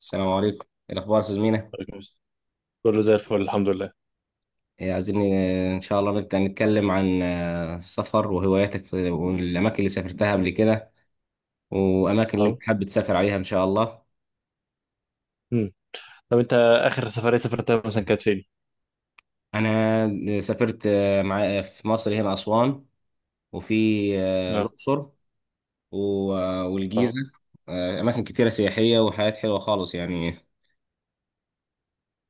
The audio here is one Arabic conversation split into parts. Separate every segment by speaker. Speaker 1: السلام عليكم، إيه الأخبار يا أستاذ مينا؟
Speaker 2: عليكم السلام. كله زي الفل الحمد لله.
Speaker 1: إيه، عايزين إن شاء الله نتكلم عن السفر وهواياتك في والأماكن اللي سافرتها قبل كده، وأماكن اللي
Speaker 2: اه.
Speaker 1: أنت حابب تسافر عليها إن شاء الله.
Speaker 2: مم. طب انت اخر سفريه سافرتها مثلا كانت فين؟
Speaker 1: أنا سافرت مع في مصر، هنا أسوان، وفي
Speaker 2: اه.
Speaker 1: الأقصر والجيزة.
Speaker 2: اه.
Speaker 1: أماكن كتيرة سياحية وحاجات حلوة خالص يعني.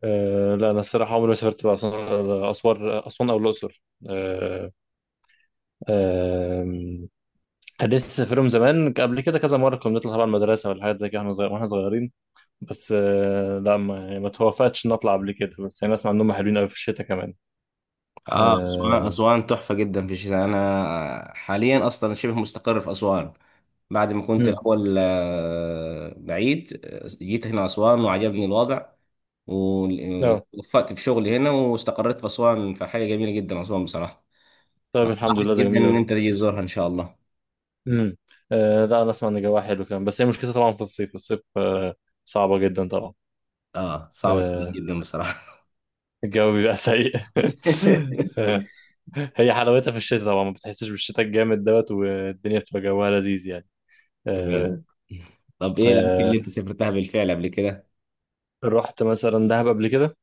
Speaker 2: لا، انا الصراحه عمري ما سافرت بقى اسوان اسوان او الاقصر. آه. آه. كان نفسي اسافرهم زمان قبل كده كذا مره، كنا بنطلع طبعا المدرسه ولا حاجات زي كده واحنا صغيرين. بس لا، ما, يعني ما توفقتش نطلع قبل كده، بس انا اسمع انهم حلوين قوي في الشتاء كمان.
Speaker 1: اه، اسوان
Speaker 2: آه.
Speaker 1: اسوان تحفه جدا في الشتاء. انا حاليا اصلا شبه مستقر في اسوان. بعد ما كنت
Speaker 2: مم.
Speaker 1: الاول بعيد، جيت هنا اسوان وعجبني الوضع
Speaker 2: لا.
Speaker 1: ووفقت في شغلي هنا واستقريت في اسوان. فحاجه جميله جدا اسوان بصراحه.
Speaker 2: طيب الحمد
Speaker 1: انصحك
Speaker 2: لله، ده
Speaker 1: جدا
Speaker 2: جميل
Speaker 1: ان
Speaker 2: أوي.
Speaker 1: انت تيجي تزورها ان شاء الله.
Speaker 2: امم. آه. لا انا اسمع ان الجو حلو كمان، بس هي مشكلتها طبعا في الصيف صعبة جدا طبعا.
Speaker 1: اه، صعبه جدا
Speaker 2: آه
Speaker 1: جدا بصراحه.
Speaker 2: الجو بيبقى سيء آه. هي حلاوتها في الشتاء طبعا، ما بتحسش بالشتاء الجامد دوت، والدنيا بتبقى جوها لذيذ يعني.
Speaker 1: تمام.
Speaker 2: آه.
Speaker 1: طب ايه الاماكن اللي
Speaker 2: آه.
Speaker 1: انت سافرتها بالفعل قبل كده؟
Speaker 2: رحت مثلا دهب قبل كده.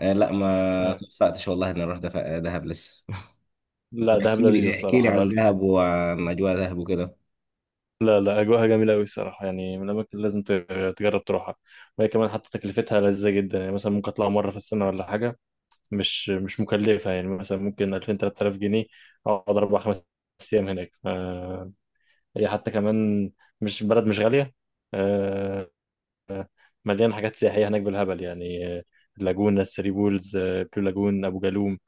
Speaker 1: آه لا، ما
Speaker 2: آه.
Speaker 1: توفقتش والله اني اروح دهب لسه.
Speaker 2: لا،
Speaker 1: طب
Speaker 2: دهب
Speaker 1: احكي
Speaker 2: لذيذة
Speaker 1: لي، احكي لي
Speaker 2: الصراحة،
Speaker 1: عن
Speaker 2: لا.
Speaker 1: دهب وعن اجواء دهب وكده.
Speaker 2: لا، لا، أجواءها جميلة أوي الصراحة، يعني من الأماكن اللي لازم تجرب تروحها. وهي كمان حتى تكلفتها لذيذة جدا، يعني مثلا ممكن أطلع مرة في السنة ولا حاجة. مش مكلفة، يعني مثلا ممكن 2000 3000 جنيه، أقعد 4 5 أيام هناك. هي حتى كمان مش بلد، مش غالية. آه، مليان حاجات سياحية هناك بالهبل يعني. اللاجونة، الثري بولز، بلو لاجون، أبو جالوم،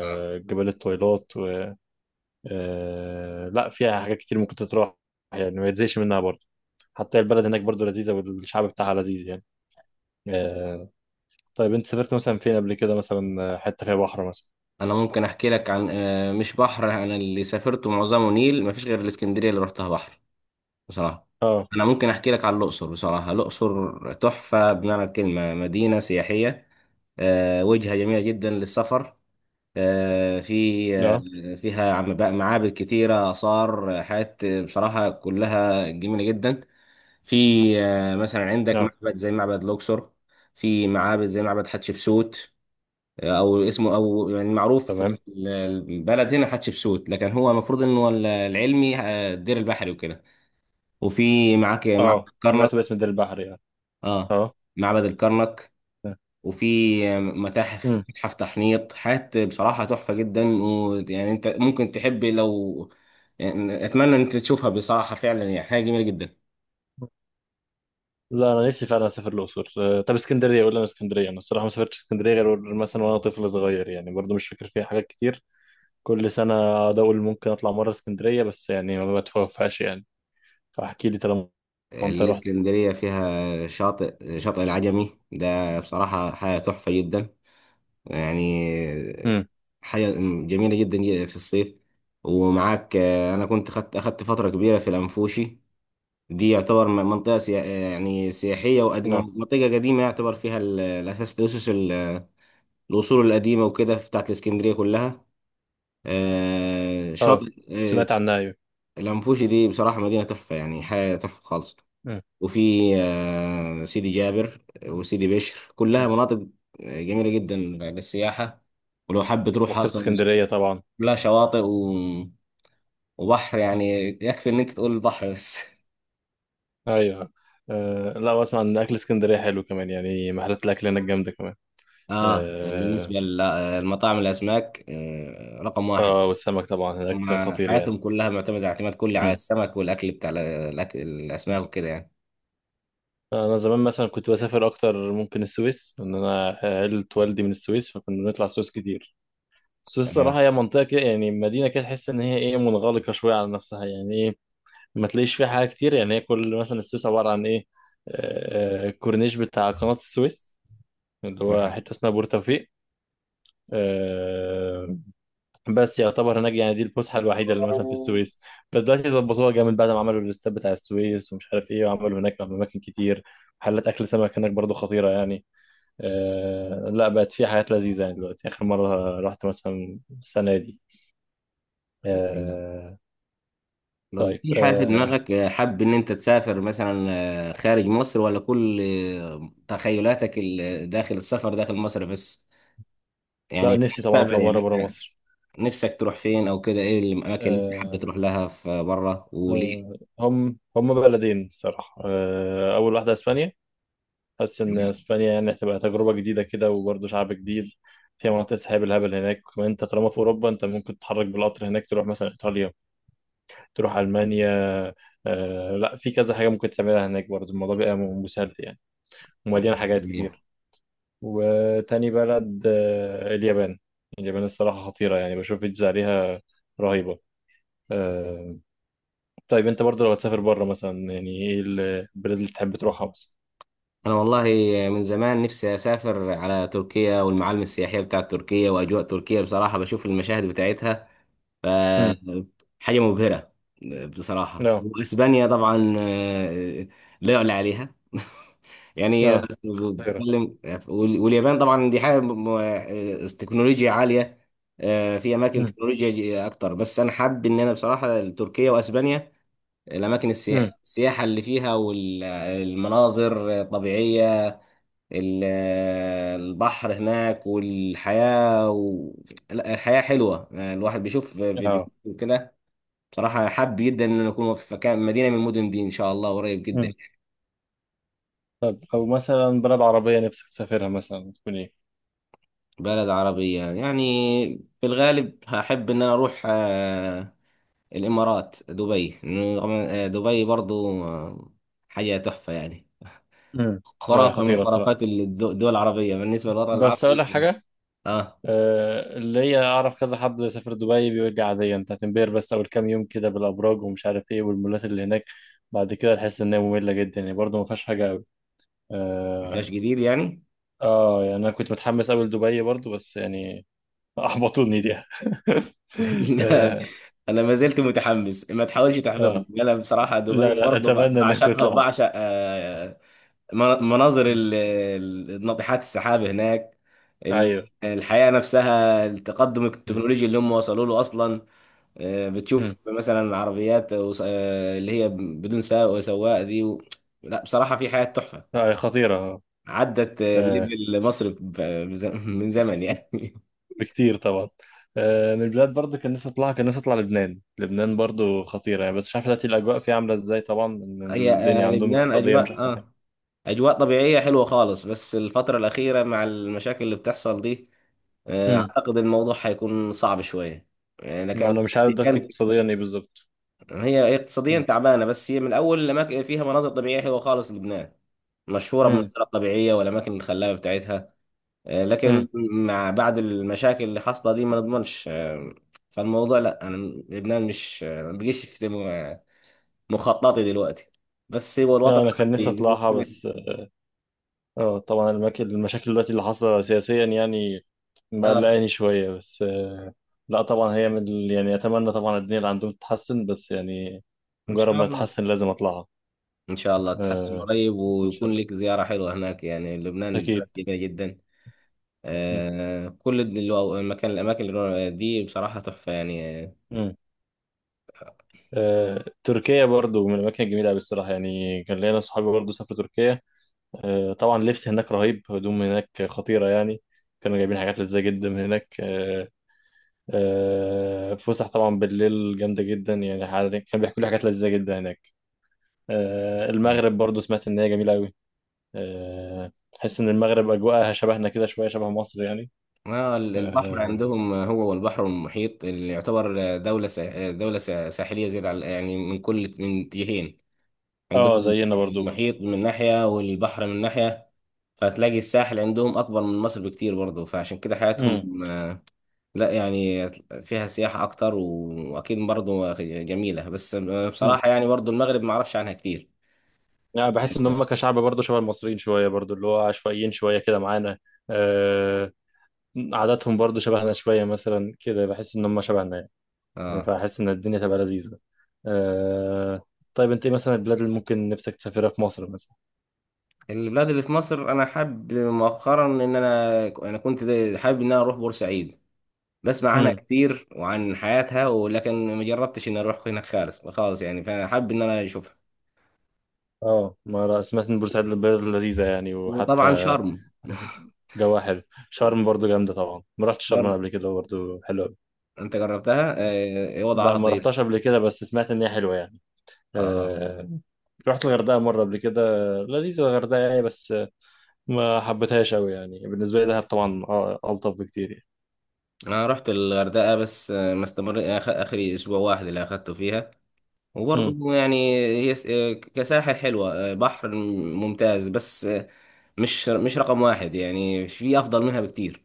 Speaker 1: آه.
Speaker 2: جبال الطويلات و... لا، فيها حاجات كتير ممكن تتراح، يعني ما يتزهقش منها برضه. حتى البلد هناك برضه لذيذة والشعب بتاعها لذيذ يعني. آه، طيب، أنت سافرت مثلا فين قبل كده؟ مثلا حتة فيها بحر مثلا؟
Speaker 1: انا ممكن احكي لك عن مش بحر، انا اللي سافرته معظمه نيل، مفيش غير الاسكندريه اللي رحتها بحر بصراحه.
Speaker 2: اه.
Speaker 1: انا ممكن احكي لك عن الاقصر. بصراحه الاقصر تحفه بمعنى الكلمه، مدينه سياحيه، وجهه جميله جدا للسفر. آه، في آه،
Speaker 2: لا.
Speaker 1: فيها بقى معابد كتيره، اثار، حاجات بصراحه كلها جميله جدا. في مثلا عندك
Speaker 2: لا.
Speaker 1: معبد زي معبد لوكسور. في معابد زي معبد حتشبسوت، او اسمه او يعني معروف في
Speaker 2: تمام.
Speaker 1: البلد هنا حتشبسوت، لكن هو المفروض انه هو العلمي الدير البحري وكده. وفي معاك معبد
Speaker 2: اه،
Speaker 1: الكرنك.
Speaker 2: سمعت باسم دير البحر يعني.
Speaker 1: اه،
Speaker 2: اه.
Speaker 1: معبد الكرنك. وفي متاحف،
Speaker 2: امم.
Speaker 1: متحف تحنيط، حاجات بصراحة تحفة جدا. ويعني انت ممكن تحب لو يعني، اتمنى ان انت تشوفها بصراحة، فعلا يعني حاجة جميلة جدا.
Speaker 2: لا انا نفسي فعلا اسافر الاقصر. طب، اسكندريه، قول لنا اسكندريه. انا الصراحه ما سافرتش اسكندريه غير مثلا وانا طفل صغير يعني، برضو مش فاكر فيها حاجات كتير. كل سنه اقعد اقول ممكن اطلع مره اسكندريه، بس يعني ما بتوفقش يعني. فاحكي لي طالما انت رحت.
Speaker 1: الإسكندرية فيها شاطئ، شاطئ العجمي ده بصراحة حاجة تحفة جدا يعني،
Speaker 2: امم.
Speaker 1: حاجة جميلة جدا في الصيف. ومعاك أنا كنت خدت أخدت فترة كبيرة في الأنفوشي. دي يعتبر منطقة يعني سياحية وقديمة،
Speaker 2: نعم.
Speaker 1: منطقة قديمة، يعتبر فيها الأساس، الأسس الأصول القديمة وكده، بتاعت الإسكندرية كلها. آه،
Speaker 2: اه
Speaker 1: شاطئ آه،
Speaker 2: سمعت عنها، ايوه.
Speaker 1: الأنفوشي دي بصراحة مدينة تحفة يعني، حاجة تحفة خالص.
Speaker 2: مم.
Speaker 1: وفي سيدي جابر وسيدي بشر، كلها
Speaker 2: مم.
Speaker 1: مناطق جميلة جدا للسياحة. ولو
Speaker 2: مم.
Speaker 1: حابة تروح
Speaker 2: مكتبه
Speaker 1: أصلا،
Speaker 2: اسكندريه طبعا.
Speaker 1: كلها شواطئ وبحر يعني. يكفي إن أنت تقول البحر بس.
Speaker 2: ايوه. أه لا، واسمع ان اكل اسكندريه حلو كمان، يعني محلات الاكل هناك جامده كمان.
Speaker 1: آه، يعني بالنسبة
Speaker 2: آه،
Speaker 1: للمطاعم الأسماك رقم واحد.
Speaker 2: اه، والسمك طبعا هناك
Speaker 1: هما
Speaker 2: خطير
Speaker 1: حياتهم
Speaker 2: يعني.
Speaker 1: كلها معتمدة اعتماد كلي على
Speaker 2: مم.
Speaker 1: السمك والأكل، بتاع الأكل
Speaker 2: مم.
Speaker 1: الأسماك وكده يعني.
Speaker 2: انا زمان مثلا كنت بسافر اكتر ممكن السويس، ان انا عيلة والدي من السويس، فكنا بنطلع السويس كتير. السويس
Speaker 1: تمام.
Speaker 2: صراحة هي منطقة كده، يعني مدينة كده تحس ان هي ايه منغلقة شوية على نفسها، يعني ايه. ما تلاقيش فيها حاجة كتير يعني. هي كل مثلا السويس عبارة عن ايه؟ الكورنيش بتاع قناة السويس، اللي هو حتة اسمها بورتوفيق. بس يعتبر هناك يعني دي الفسحه الوحيده اللي مثلا في السويس. بس دلوقتي ظبطوها جامد بعد ما عملوا الاستاد بتاع السويس ومش عارف ايه، وعملوا هناك اماكن كتير. محلات اكل سمك هناك برضو خطيره يعني. لا، بقت في حاجات لذيذه يعني دلوقتي، اخر مره رحت مثلا السنه دي. آه.
Speaker 1: طب،
Speaker 2: طيب.
Speaker 1: في حاجة في دماغك حابب إن أنت تسافر مثلا خارج مصر، ولا كل تخيلاتك داخل السفر داخل مصر بس، يعني
Speaker 2: لا،
Speaker 1: في
Speaker 2: نفسي طبعا اطلع
Speaker 1: المستقبل يعني؟
Speaker 2: مره بره
Speaker 1: أنت
Speaker 2: مصر.
Speaker 1: نفسك تروح فين أو كده؟ إيه الأماكن اللي أنت حابب
Speaker 2: آه
Speaker 1: تروح لها في بره وليه؟
Speaker 2: هم بلدين صراحه. اول واحده اسبانيا. حاسس ان
Speaker 1: تمام.
Speaker 2: اسبانيا يعني هتبقى تجربه جديده كده، وبرضه شعب جديد. فيها مناطق سحاب الهبل هناك كمان. انت طالما في اوروبا، انت ممكن تتحرك بالقطر هناك، تروح مثلا ايطاليا، تروح المانيا. لا، في كذا حاجه ممكن تعملها هناك برضه، الموضوع بيبقى مسهل يعني. ومليان حاجات كتير. وتاني بلد اليابان. اليابان الصراحه خطيره يعني، بشوف فيديوز عليها رهيبه. آه. طيب، انت برضه لو هتسافر بره مثلا، يعني ايه البلد اللي تحب تروحها مثلا؟
Speaker 1: أنا والله من زمان نفسي أسافر على تركيا، والمعالم السياحية بتاعت تركيا وأجواء تركيا بصراحة، بشوف المشاهد بتاعتها ف
Speaker 2: امم.
Speaker 1: حاجة مبهرة بصراحة.
Speaker 2: لا.
Speaker 1: وأسبانيا طبعا لا يعلى عليها، يعني
Speaker 2: لا. خطيره.
Speaker 1: بتتكلم. وال- واليابان طبعا دي حاجه تكنولوجيا عاليه، في اماكن
Speaker 2: امم.
Speaker 1: تكنولوجيا اكتر. بس انا حابب ان انا بصراحه تركيا واسبانيا، الاماكن السياحه
Speaker 2: امم.
Speaker 1: السياحه اللي فيها والمناظر طبيعيه، ال- البحر هناك والحياه و... لا، الحياه حلوه. الواحد بيشوف فيديوهات
Speaker 2: اه.
Speaker 1: وكده. بصراحه حابب جدا ان أنا اكون في مكان، مدينه من المدن دي ان شاء الله قريب جدا.
Speaker 2: طب، او مثلا بلد عربيه نفسك تسافرها مثلا تكون ايه؟
Speaker 1: بلد عربية يعني، في الغالب هحب إن أنا أروح الإمارات، دبي. إنه دبي برضو حاجة تحفة يعني،
Speaker 2: امم. لا،
Speaker 1: خرافة من
Speaker 2: خطيره الصراحه.
Speaker 1: خرافات الدول العربية بالنسبة للوطن
Speaker 2: بس اقول
Speaker 1: العربي.
Speaker 2: لك حاجه.
Speaker 1: آه،
Speaker 2: اللي هي اعرف كذا حد سافر دبي بيرجع عاديا. انت هتنبهر بس اول كام يوم كده بالابراج ومش عارف ايه والمولات اللي هناك. بعد كده تحس انها ممله جدا، يعني برضه ما فيهاش حاجه قوي.
Speaker 1: ما فيهاش
Speaker 2: اه.
Speaker 1: جديد يعني.
Speaker 2: يعني انا كنت متحمس قوي لدبي برضه، بس يعني، احبطوني دي
Speaker 1: لا،
Speaker 2: اه.
Speaker 1: أنا ما زلت متحمس، ما تحاولش
Speaker 2: آه.
Speaker 1: تحبطني. أنا بصراحة
Speaker 2: لا.
Speaker 1: دبي
Speaker 2: لا،
Speaker 1: برضو
Speaker 2: اتمنى انك
Speaker 1: بعشقها،
Speaker 2: تطلع.
Speaker 1: وبعشق مناظر
Speaker 2: م.
Speaker 1: ناطحات السحاب هناك، ال-
Speaker 2: ايوه.
Speaker 1: الحياة نفسها، التقدم
Speaker 2: مم.
Speaker 1: التكنولوجي اللي هم وصلوا له أصلا.
Speaker 2: مم.
Speaker 1: بتشوف مثلا عربيات اللي هي بدون سائق وسواق دي و... لا بصراحة في حياة تحفة،
Speaker 2: لا، خطيره.
Speaker 1: عدت
Speaker 2: آه.
Speaker 1: ليفل مصر ب من زمن يعني.
Speaker 2: بكتير طبعا. من البلاد برضو، كان نفسي اطلع لبنان. لبنان برضو خطيرة يعني، بس مش عارف دلوقتي الاجواء فيها عاملة ازاي طبعا، ان
Speaker 1: هي
Speaker 2: الدنيا عندهم
Speaker 1: لبنان
Speaker 2: اقتصادية مش
Speaker 1: أجواء
Speaker 2: احسن حاجة.
Speaker 1: آه، أجواء طبيعية حلوة خالص، بس الفترة الأخيرة مع المشاكل اللي بتحصل دي
Speaker 2: امم.
Speaker 1: أعتقد الموضوع هيكون صعب شوية يعني. أنا
Speaker 2: ما
Speaker 1: كان
Speaker 2: انا مش عارف دلوقتي
Speaker 1: كان
Speaker 2: اقتصاديا ايه بالظبط.
Speaker 1: هي، هي اقتصاديا
Speaker 2: امم.
Speaker 1: تعبانه، بس هي من اول الاماكن فيها مناظر طبيعيه حلوه خالص. لبنان مشهوره
Speaker 2: امم.
Speaker 1: بالمناظر الطبيعيه والاماكن الخلابه بتاعتها،
Speaker 2: أمم.
Speaker 1: لكن مع بعد المشاكل اللي حاصله دي ما نضمنش. فالموضوع، لا، انا لبنان مش ما بقيش في مخططي دلوقتي، بس هو الوطن
Speaker 2: لا انا كان نفسي
Speaker 1: عندي زي ما قلت
Speaker 2: اطلعها،
Speaker 1: لك.
Speaker 2: بس. اه، طبعا المشاكل دلوقتي اللي حاصلة سياسيا يعني
Speaker 1: اه،
Speaker 2: مقلقاني شوية، بس. لا طبعا، هي من يعني، اتمنى طبعا الدنيا اللي عندهم تتحسن، بس يعني
Speaker 1: ان
Speaker 2: مجرد
Speaker 1: شاء
Speaker 2: ما
Speaker 1: الله.
Speaker 2: تتحسن لازم اطلعها.
Speaker 1: ان شاء الله تحسن
Speaker 2: آه،
Speaker 1: قريب
Speaker 2: ان شاء
Speaker 1: ويكون
Speaker 2: الله.
Speaker 1: لك زياره حلوه هناك يعني، لبنان بلد
Speaker 2: اكيد.
Speaker 1: جميله جدا. كل المكان، الاماكن اللي دي بصراحه تحفه يعني.
Speaker 2: امم. تركيا برضو من الأماكن الجميلة أوي الصراحة، يعني كان ليا ناس صحابي برضو سافروا تركيا. طبعا لبس هناك رهيب، هدوم هناك خطيرة يعني. كانوا جايبين حاجات لذيذة جدا من هناك. فسح طبعا بالليل جامدة جدا، يعني كان بيحكوا لي حاجات لذيذة جدا هناك.
Speaker 1: آه،
Speaker 2: المغرب برضو سمعت إن هي جميلة أوي. تحس إن المغرب أجواءها شبهنا كده شوية، شبه مصر يعني.
Speaker 1: البحر
Speaker 2: اه.
Speaker 1: عندهم، هو والبحر والمحيط، اللي يعتبر ساحلية زيادة على يعني من كل من جهين، عندهم
Speaker 2: زينا برضو.
Speaker 1: المحيط من ناحية والبحر من ناحية. فهتلاقي الساحل عندهم أكبر من مصر بكتير برضه، فعشان كده حياتهم لا يعني فيها سياحة أكتر، وأكيد برضه جميلة، بس
Speaker 2: مم.
Speaker 1: بصراحة يعني برضه المغرب معرفش عنها كتير.
Speaker 2: يعني بحس ان هم كشعب برضه شبه المصريين شويه، برضه اللي هو عشوائيين شويه كده معانا. آه عاداتهم برضه شبهنا شويه، مثلا كده بحس ان هم شبهنا يعني. يعني
Speaker 1: اه،
Speaker 2: فاحس ان الدنيا تبقى لذيذه. آه طيب، انت ايه مثلا البلاد اللي ممكن نفسك تسافرها في مصر مثلا؟
Speaker 1: البلاد اللي في مصر، انا حابب مؤخرا ان انا كنت حابب ان انا اروح بورسعيد. بسمع عنها
Speaker 2: امم.
Speaker 1: كتير وعن حياتها، ولكن ما جربتش اني اروح هناك خالص خالص يعني، فانا حابب ان انا اشوفها.
Speaker 2: اه، ما أنا سمعت ان بورسعيد البلد لذيذه يعني،
Speaker 1: وطبعا
Speaker 2: وحتى
Speaker 1: شرم.
Speaker 2: جواها حلو. شرم برضه جامده طبعا، ما رحتش
Speaker 1: شرم
Speaker 2: شرم قبل كده، برضه حلوه.
Speaker 1: انت جربتها ايه
Speaker 2: لا
Speaker 1: وضعها
Speaker 2: ما
Speaker 1: طيب؟
Speaker 2: رحتهاش قبل كده، بس سمعت ان هي حلوه يعني.
Speaker 1: اه،
Speaker 2: آه، رحت الغردقة مرة قبل كده. لذيذة الغردقة يعني، بس ما حبيتهاش أوي يعني. بالنسبة لي دهب طبعا ألطف بكتير يعني.
Speaker 1: انا رحت الغردقه بس ما استمر اخري اسبوع واحد اللي اخدته فيها،
Speaker 2: مم.
Speaker 1: وبرضه يعني هي كساحل حلوه، بحر ممتاز، بس مش رقم واحد يعني، في افضل منها بكتير.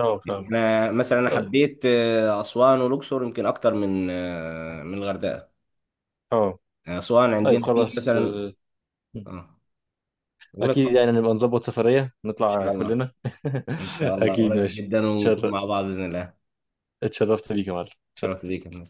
Speaker 2: اه فاهم.
Speaker 1: انا مثلا انا
Speaker 2: طيب.
Speaker 1: حبيت اسوان والاقصر يمكن اكتر من من الغردقه.
Speaker 2: اه.
Speaker 1: أسوان
Speaker 2: طيب
Speaker 1: عندنا في
Speaker 2: خلاص.
Speaker 1: مثلا، اه، أقول لك.
Speaker 2: أكيد يعني نبقى نظبط سفرية
Speaker 1: إن
Speaker 2: نطلع
Speaker 1: شاء الله.
Speaker 2: كلنا
Speaker 1: إن شاء الله
Speaker 2: أكيد.
Speaker 1: قريب
Speaker 2: ماشي.
Speaker 1: جدا ونكون مع بعض بإذن الله.
Speaker 2: اتشرفت بيك يا معلم،
Speaker 1: شرفت
Speaker 2: اتشرفت.
Speaker 1: بيك يا